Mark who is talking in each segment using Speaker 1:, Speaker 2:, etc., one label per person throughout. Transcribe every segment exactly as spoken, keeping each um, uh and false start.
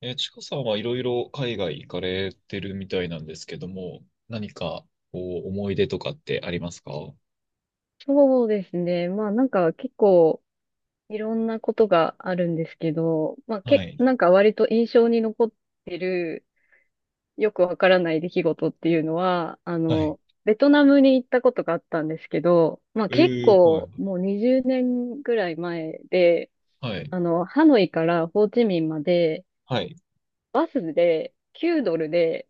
Speaker 1: えー、ちかさんはいろいろ海外行かれてるみたいなんですけども、何かこう思い出とかってありますか？
Speaker 2: そうですね。まあなんか結構いろんなことがあるんですけど、まあ
Speaker 1: は
Speaker 2: け、
Speaker 1: い。
Speaker 2: なんか割と印象に残ってるよくわからない出来事っていうのは、あ
Speaker 1: はい。
Speaker 2: の、ベトナムに行ったことがあったんですけど、まあ
Speaker 1: え
Speaker 2: 結
Speaker 1: ー、はい。
Speaker 2: 構もうにじゅうねんぐらい前で、
Speaker 1: はい。
Speaker 2: あの、ハノイからホーチミンまで
Speaker 1: はい。
Speaker 2: バスできゅうドルで、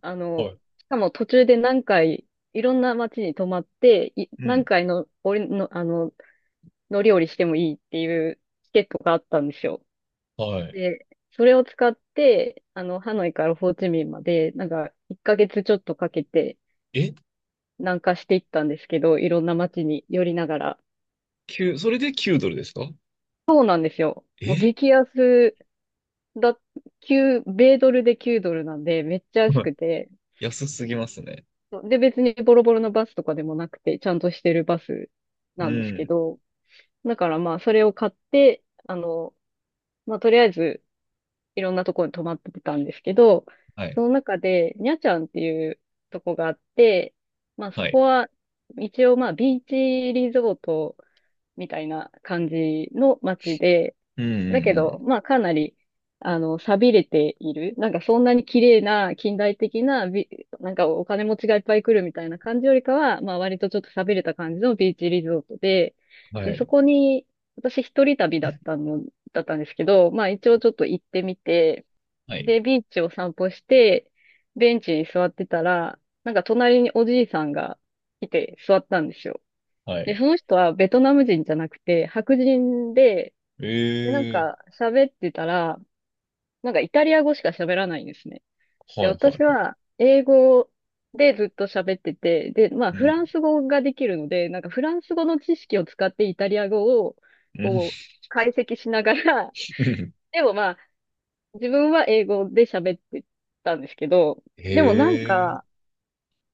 Speaker 2: あ
Speaker 1: は
Speaker 2: の、
Speaker 1: い。
Speaker 2: しかも途中で何回いろんな街に泊まって、い
Speaker 1: う
Speaker 2: 何
Speaker 1: ん。
Speaker 2: 回の、俺の、あの、の料理してもいいっていうチケットがあったんですよ。
Speaker 1: はい。
Speaker 2: で、それを使って、あの、ハノイからホーチミンまで、なんか、いっかげつちょっとかけて
Speaker 1: え？
Speaker 2: 南下していったんですけど、いろんな街に寄りながら。
Speaker 1: きゅう、それできゅうドルドルですか？
Speaker 2: そうなんですよ。もう
Speaker 1: え
Speaker 2: 激安だ、きゅう、米ドルできゅうドルなんで、めっちゃ安
Speaker 1: はい。
Speaker 2: くて、
Speaker 1: 安すぎますね。
Speaker 2: そうで、別にボロボロのバスとかでもなくて、ちゃんとしてるバス
Speaker 1: う
Speaker 2: なんですけ
Speaker 1: ん。
Speaker 2: ど、だからまあ、それを買って、あの、まあ、とりあえず、いろんなところに泊まってたんですけど、
Speaker 1: はい。
Speaker 2: その中で、にゃちゃんっていうとこがあって、まあそ
Speaker 1: はい。
Speaker 2: こは、一応まあビーチリゾートみたいな感じの街で、
Speaker 1: うん
Speaker 2: だけ
Speaker 1: うん
Speaker 2: ど、まあかなり、あの、寂れている。なんかそんなに綺麗な近代的なビ、なんかお金持ちがいっぱい来るみたいな感じよりかは、まあ割とちょっと寂れた感じのビーチリゾートで、
Speaker 1: うん。は
Speaker 2: で、そ
Speaker 1: い。
Speaker 2: こに、私一人旅だったの、だったんですけど、まあ一応ちょっと行ってみて、
Speaker 1: はい。
Speaker 2: で、ビーチを散歩して、ベンチに座ってたら、なんか隣におじいさんが来て座ったんですよ。
Speaker 1: は
Speaker 2: で、
Speaker 1: い。
Speaker 2: その人はベトナム人じゃなくて、白人で、で、なん
Speaker 1: え
Speaker 2: か喋ってたら、なんかイタリア語しか喋らないんですね。
Speaker 1: ー、
Speaker 2: で、
Speaker 1: はいは
Speaker 2: 私
Speaker 1: いはい。
Speaker 2: は英語でずっと喋ってて、で、まあ
Speaker 1: う
Speaker 2: フ
Speaker 1: ん。
Speaker 2: ランス語ができるので、なんかフランス語の知識を使ってイタリア語を
Speaker 1: うん。
Speaker 2: こう解析しながら、
Speaker 1: うん。
Speaker 2: でもまあ自分は英語で喋ってたんですけど、
Speaker 1: へ
Speaker 2: でもなんか、
Speaker 1: え。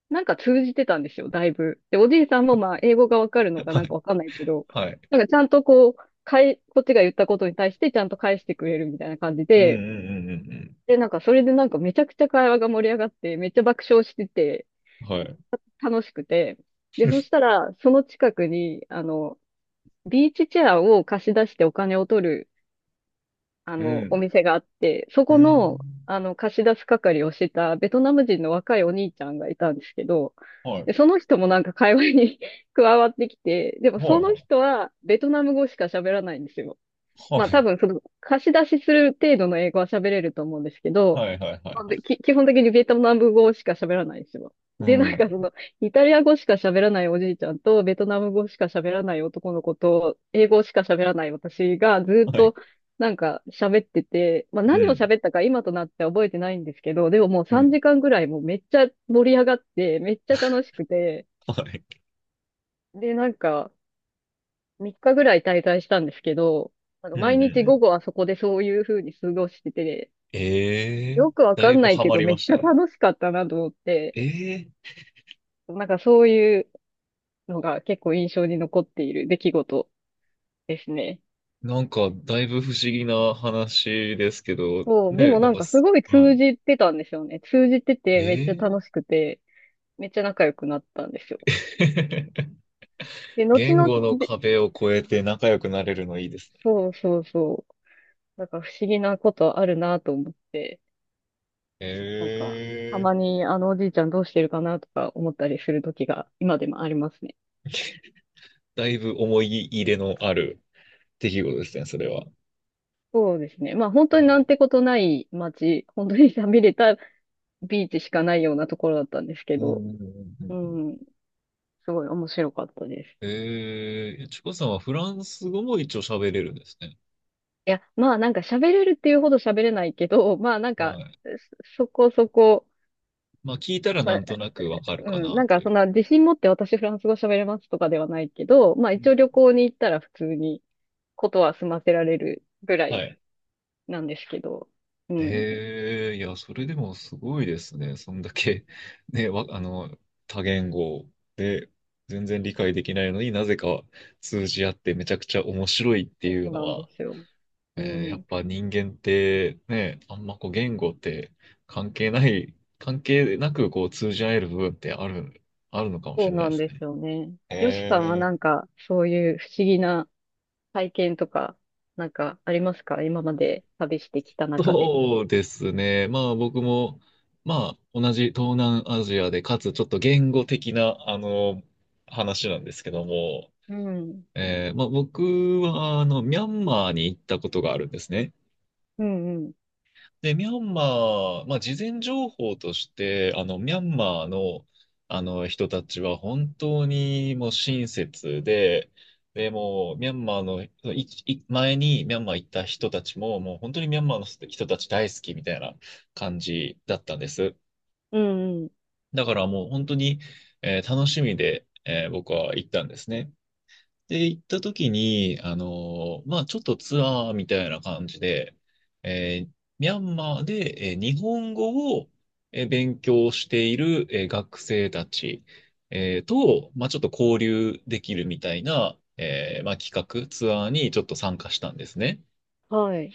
Speaker 2: なんか通じてたんですよ、だいぶ。で、おじいさんもまあ、英語がわかるのかな
Speaker 1: は
Speaker 2: ん
Speaker 1: い。
Speaker 2: かわかんないけど、
Speaker 1: はい。
Speaker 2: なんかちゃんとこう、かい、こっちが言ったことに対してちゃんと返してくれるみたいな感じ
Speaker 1: うんうん
Speaker 2: で、
Speaker 1: うんうん
Speaker 2: で、なんかそれでなんかめちゃくちゃ会話が盛り上がって、めっちゃ爆笑してて、
Speaker 1: うん。はい。
Speaker 2: 楽しくて、で、そしたら、その近くに、あの、ビーチチェアを貸し出してお金を取るあ
Speaker 1: う
Speaker 2: の、お
Speaker 1: ん
Speaker 2: 店があって、そ
Speaker 1: う
Speaker 2: この、
Speaker 1: ん。
Speaker 2: あの、貸し出す係をしてたベトナム人の若いお兄ちゃんがいたんですけど、
Speaker 1: は
Speaker 2: で、
Speaker 1: い。
Speaker 2: その人もなんか会話に 加わってきて、でも
Speaker 1: はい
Speaker 2: その
Speaker 1: はい。
Speaker 2: 人はベトナム語しか喋らないんですよ。
Speaker 1: は
Speaker 2: まあ多
Speaker 1: い。
Speaker 2: 分その貸し出しする程度の英語は喋れると思うんですけど、
Speaker 1: はいはいは
Speaker 2: ま
Speaker 1: い
Speaker 2: あ、
Speaker 1: は
Speaker 2: べ
Speaker 1: い。
Speaker 2: き基本的にベトナム語しか喋らないんですよ。
Speaker 1: う
Speaker 2: で、なんかその、
Speaker 1: ん。
Speaker 2: イタリア語しか喋らないおじいちゃんと、ベトナム語しか喋らない男の子と、英語しか喋らない私がずっ
Speaker 1: はい。
Speaker 2: となんか喋ってて、まあ
Speaker 1: う
Speaker 2: 何を
Speaker 1: ん。
Speaker 2: 喋ったか今となっては覚えてないんですけど、でももう
Speaker 1: う
Speaker 2: 3
Speaker 1: ん。
Speaker 2: 時間ぐらいもうめっちゃ盛り上がって、めっちゃ楽しくて、
Speaker 1: はい。
Speaker 2: で、なんか、みっかぐらい滞在したんですけど、あ
Speaker 1: う
Speaker 2: の、
Speaker 1: んう
Speaker 2: 毎
Speaker 1: んう
Speaker 2: 日午
Speaker 1: ん。
Speaker 2: 後はそこでそういう風に過ごしてて、
Speaker 1: ええ
Speaker 2: よ
Speaker 1: ー、
Speaker 2: くわ
Speaker 1: だ
Speaker 2: か
Speaker 1: い
Speaker 2: ん
Speaker 1: ぶ
Speaker 2: ない
Speaker 1: ハ
Speaker 2: け
Speaker 1: マ
Speaker 2: ど、
Speaker 1: り
Speaker 2: め
Speaker 1: ま
Speaker 2: っ
Speaker 1: し
Speaker 2: ち
Speaker 1: た
Speaker 2: ゃ
Speaker 1: ね。
Speaker 2: 楽しかったなと思って、
Speaker 1: ええ
Speaker 2: なんかそういうのが結構印象に残っている出来事ですね。
Speaker 1: ー、なんか、だいぶ不思議な話ですけど、
Speaker 2: そう、で
Speaker 1: ね、
Speaker 2: も
Speaker 1: な
Speaker 2: な
Speaker 1: ん
Speaker 2: ん
Speaker 1: か
Speaker 2: かす
Speaker 1: す、
Speaker 2: ごい通
Speaker 1: は
Speaker 2: じてたんですよね。通じて
Speaker 1: い。
Speaker 2: て、めっ
Speaker 1: え
Speaker 2: ちゃ
Speaker 1: え
Speaker 2: 楽し
Speaker 1: ー、
Speaker 2: くて、めっちゃ仲良くなったんですよ。で、後
Speaker 1: 言
Speaker 2: 々
Speaker 1: 語の
Speaker 2: で、
Speaker 1: 壁を越えて仲良くなれるのいいですね。
Speaker 2: そうそうそう。なんか不思議なことあるなと思って。
Speaker 1: え
Speaker 2: なんか、た
Speaker 1: えー、
Speaker 2: まにあのおじいちゃんどうしてるかなとか思ったりする時が今でもありますね。
Speaker 1: だいぶ思い入れのある出来事ですね、それは。
Speaker 2: そうですね。まあ本当になん
Speaker 1: え
Speaker 2: てことない街、本当に寂れたビーチしかないようなところだったんですけ
Speaker 1: ーうんう
Speaker 2: ど、
Speaker 1: んうん
Speaker 2: う
Speaker 1: うん。
Speaker 2: ん、すごい面白かったです。
Speaker 1: ええ、ちこさんはフランス語も一応喋れるんですね。
Speaker 2: いや、まあなんか喋れるっていうほど喋れないけど、まあなん
Speaker 1: は
Speaker 2: か、
Speaker 1: い。
Speaker 2: そそこそこ、
Speaker 1: まあ聞いたら
Speaker 2: ま
Speaker 1: な
Speaker 2: あ、
Speaker 1: んとなくわかる
Speaker 2: う
Speaker 1: か
Speaker 2: ん、な
Speaker 1: な
Speaker 2: ん
Speaker 1: と
Speaker 2: か
Speaker 1: い
Speaker 2: そ
Speaker 1: う。
Speaker 2: んな自信持って私フランス語喋れますとかではないけど、まあ
Speaker 1: う
Speaker 2: 一
Speaker 1: ん。
Speaker 2: 応旅行に行ったら普通にことは済ませられるぐら
Speaker 1: は
Speaker 2: い
Speaker 1: い。
Speaker 2: なんですけど。うん。
Speaker 1: ええ、いや、それでもすごいですね。そんだけ、ね、わ、あの、多言語で全然理解できないのになぜか通じ合ってめちゃくちゃ面白いって
Speaker 2: そ
Speaker 1: いう
Speaker 2: う
Speaker 1: の
Speaker 2: なんで
Speaker 1: は、
Speaker 2: すよ。
Speaker 1: え
Speaker 2: う
Speaker 1: ーやっ
Speaker 2: ん。
Speaker 1: ぱ人間ってね、あんまこう言語って関係ない、関係なくこう通じ合える部分ってある、あるのかもし
Speaker 2: そう
Speaker 1: れない
Speaker 2: な
Speaker 1: で
Speaker 2: ん
Speaker 1: す
Speaker 2: で
Speaker 1: ね。
Speaker 2: すよね。よしさんは
Speaker 1: え
Speaker 2: なんか、そういう不思議な体験とか、なんかありますか今まで旅してきた中で？
Speaker 1: そうですね。まあ僕も、まあ同じ東南アジアで、かつちょっと言語的な、あの、話なんですけども、
Speaker 2: うん。
Speaker 1: えーまあ僕は、あの、ミャンマーに行ったことがあるんですね。
Speaker 2: うんうん。
Speaker 1: で、ミャンマー、まあ、事前情報として、あの、ミャンマーの、あの人たちは本当にもう親切で、で、もう、ミャンマーの、いい前にミャンマー行った人たちも、もう本当にミャンマーの人たち大好きみたいな感じだったんです。
Speaker 2: うんうん。
Speaker 1: だからもう本当に、えー楽しみで、えー僕は行ったんですね。で、行った時に、あのーまあ、ちょっとツアーみたいな感じで、えーミャンマーで、えー日本語を、えー勉強している、えー学生たち、えーと、まあ、ちょっと交流できるみたいな、えーまあ、企画、ツアーにちょっと参加したんですね。
Speaker 2: はい。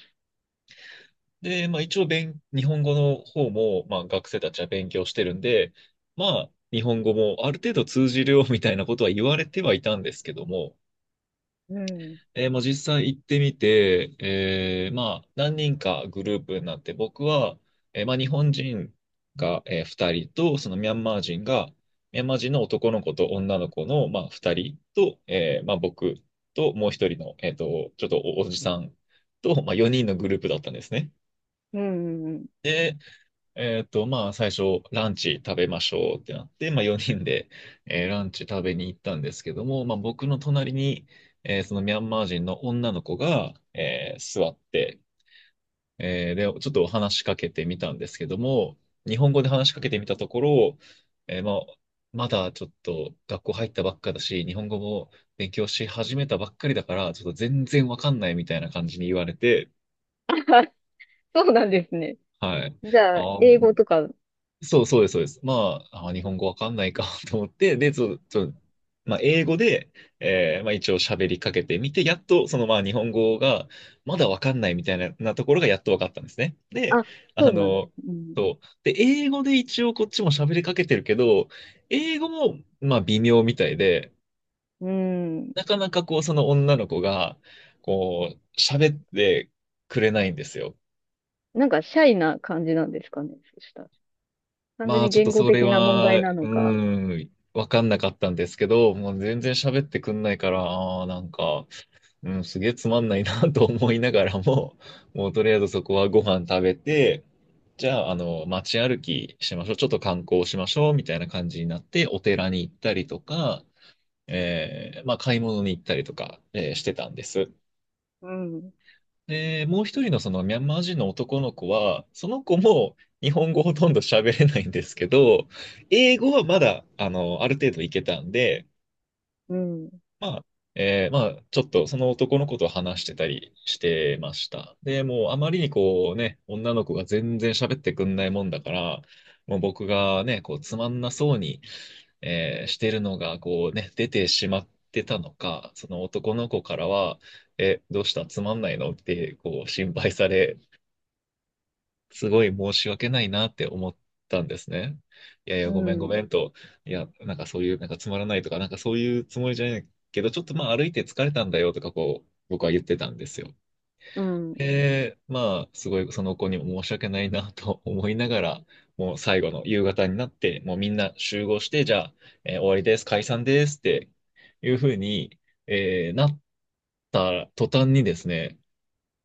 Speaker 1: で、まあ、一応勉、日本語の方も、まあ、学生たちは勉強してるんで、まあ、日本語もある程度通じるよみたいなことは言われてはいたんですけども、
Speaker 2: うん。
Speaker 1: えーもう実際行ってみて、えーまあ、何人かグループになって、僕は、えーまあ、日本人が、えー、ふたりと、そのミャンマー人が、ミャンマー人の男の子と女の子の、まあ、ふたりと、えーまあ、僕ともう一人の、えーと、ちょっとお、おじさんと、まあ、よにんのグループだったんですね。
Speaker 2: うんうんうん。
Speaker 1: で、えーっと、まあ、最初、ランチ食べましょうってなって、まあ、よにんで、えーランチ食べに行ったんですけども、まあ、僕の隣に、えーそのミャンマー人の女の子が、えー座って、えーで、ちょっと話しかけてみたんですけども、日本語で話しかけてみたところ、えーまあ、まだちょっと学校入ったばっかだし、日本語も勉強し始めたばっかりだから、ちょっと全然わかんないみたいな感じに言われて、
Speaker 2: そうなんですね。
Speaker 1: はい。
Speaker 2: じゃあ、
Speaker 1: あー、
Speaker 2: 英語とか、う
Speaker 1: そう、そうです、そうです。まあ、あー、日本語
Speaker 2: ん
Speaker 1: わかんないか と思って、で、ちょ、ちょ、まあ、英語で、えーまあ、一応喋りかけてみて、やっと、その、まあ、日本語が、まだわかんないみたい、な、なところがやっとわかったんですね。で、
Speaker 2: あ、
Speaker 1: あ
Speaker 2: そうなんです。
Speaker 1: の、
Speaker 2: うん。
Speaker 1: そう。で、英語で一応こっちも喋りかけてるけど、英語も、まあ、微妙みたいで、
Speaker 2: うん。
Speaker 1: なかなかこう、その女の子が、こう、喋ってくれないんですよ。
Speaker 2: なんか、シャイな感じなんですかね。そしたら。単純
Speaker 1: まあ
Speaker 2: に
Speaker 1: ちょっ
Speaker 2: 言
Speaker 1: と
Speaker 2: 語
Speaker 1: それ
Speaker 2: 的な問
Speaker 1: は、
Speaker 2: 題
Speaker 1: う
Speaker 2: なのか。
Speaker 1: ーん、わかんなかったんですけど、もう全然喋ってくんないから、あーなんか、うん、すげえつまんないな と思いながらも、もうとりあえずそこはご飯食べて、じゃあ、あの、街歩きしましょう。ちょっと観光しましょう。みたいな感じになって、お寺に行ったりとか、えーまあ買い物に行ったりとか、えーしてたんです。
Speaker 2: うん。
Speaker 1: で、もう一人のそのミャンマー人の男の子は、その子も日本語ほとんど喋れないんですけど、英語はまだ、あの、ある程度いけたんで、
Speaker 2: うん。
Speaker 1: まあ、えーまあ、ちょっとその男の子と話してたりしてました。で、もうあまりにこうね、女の子が全然喋ってくんないもんだから、もう僕がね、こうつまんなそうに、えーしてるのがこうね、出てしまってたのか、その男の子からは、え、どうしたつまんないのってこう心配され、すごい申し訳ないなって思ったんですね。いやいや、
Speaker 2: う
Speaker 1: ごめんご
Speaker 2: ん。
Speaker 1: めんと、いや、なんかそういう、なんかつまらないとか、なんかそういうつもりじゃないけど、ちょっとまあ歩いて疲れたんだよとか、こう、僕は言ってたんですよ。
Speaker 2: うん。
Speaker 1: で、まあ、すごいその子にも申し訳ないなと思いながら、もう最後の夕方になって、もうみんな集合して、じゃあ、えー終わりです、解散ですっていうふうに、えーなった途端にですね、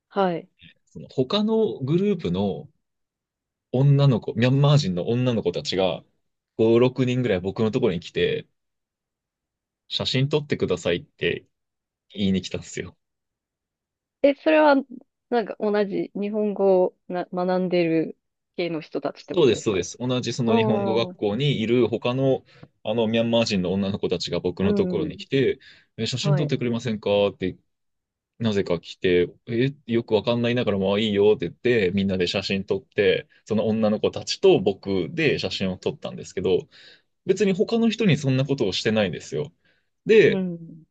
Speaker 2: はい。
Speaker 1: その他のグループの、女の子、ミャンマー人の女の子たちが、ご、ろくにんぐらい僕のところに来て、写真撮ってくださいって言いに来たんですよ。
Speaker 2: え、それは、なんか同じ日本語をな学んでる系の人たちってこ
Speaker 1: そうで
Speaker 2: と
Speaker 1: す、
Speaker 2: で
Speaker 1: そ
Speaker 2: す
Speaker 1: うで
Speaker 2: か？
Speaker 1: す。同じそ
Speaker 2: う
Speaker 1: の日本語学
Speaker 2: ん。
Speaker 1: 校にいる他の、あの、ミャンマー人の女の子たちが僕
Speaker 2: う
Speaker 1: のところ
Speaker 2: ん。
Speaker 1: に来て、え、写真
Speaker 2: は
Speaker 1: 撮っ
Speaker 2: い。
Speaker 1: てくれませんかって、なぜか来て、え、よくわかんないながらも、まあいいよって言って、みんなで写真撮って、その女の子たちと僕で写真を撮ったんですけど、別に他の人にそんなことをしてないんですよ。
Speaker 2: う
Speaker 1: で、
Speaker 2: ん。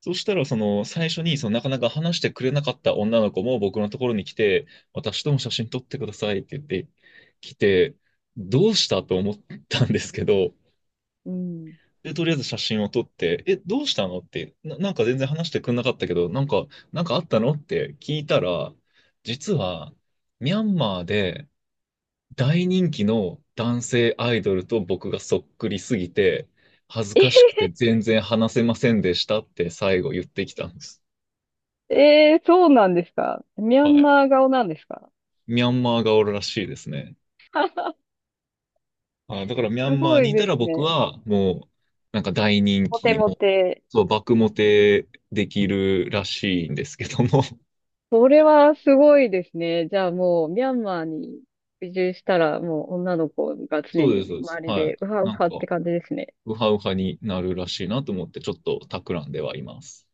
Speaker 1: そしたら、その、最初に、その、なかなか話してくれなかった女の子も僕のところに来て、私とも写真撮ってくださいって言って来て、どうしたと思ったんですけど、
Speaker 2: うん。
Speaker 1: で、とりあえず写真を撮って、え、どうしたのって、な、なんか全然話してくれなかったけど、なんか、なんかあったのって聞いたら、実は、ミャンマーで大人気の男性アイドルと僕がそっくりすぎて、恥ずかしく て全然話せませんでしたって最後言ってきたんです。
Speaker 2: えー、そうなんですか？ミャ
Speaker 1: は
Speaker 2: ン
Speaker 1: い。
Speaker 2: マー顔なんですか？
Speaker 1: ミャンマーがおるらしいですね。あ、だからミャ
Speaker 2: す
Speaker 1: ンマー
Speaker 2: ご
Speaker 1: に
Speaker 2: い
Speaker 1: いた
Speaker 2: で
Speaker 1: ら
Speaker 2: す
Speaker 1: 僕
Speaker 2: ね。
Speaker 1: はもう、なんか大人
Speaker 2: モテ
Speaker 1: 気、
Speaker 2: モ
Speaker 1: もう、
Speaker 2: テ。
Speaker 1: そう、
Speaker 2: う
Speaker 1: 爆
Speaker 2: ん、
Speaker 1: モテできるらしいんですけども。
Speaker 2: それはすごいですね。じゃあもう、ミャンマーに移住したら、もう女の子が
Speaker 1: そ
Speaker 2: 常
Speaker 1: うです、
Speaker 2: に
Speaker 1: そうです。
Speaker 2: 周り
Speaker 1: はい。
Speaker 2: で、うはう
Speaker 1: なん
Speaker 2: はっ
Speaker 1: か、
Speaker 2: て感じですね。
Speaker 1: ウハウハになるらしいなと思って、ちょっと企んではいます。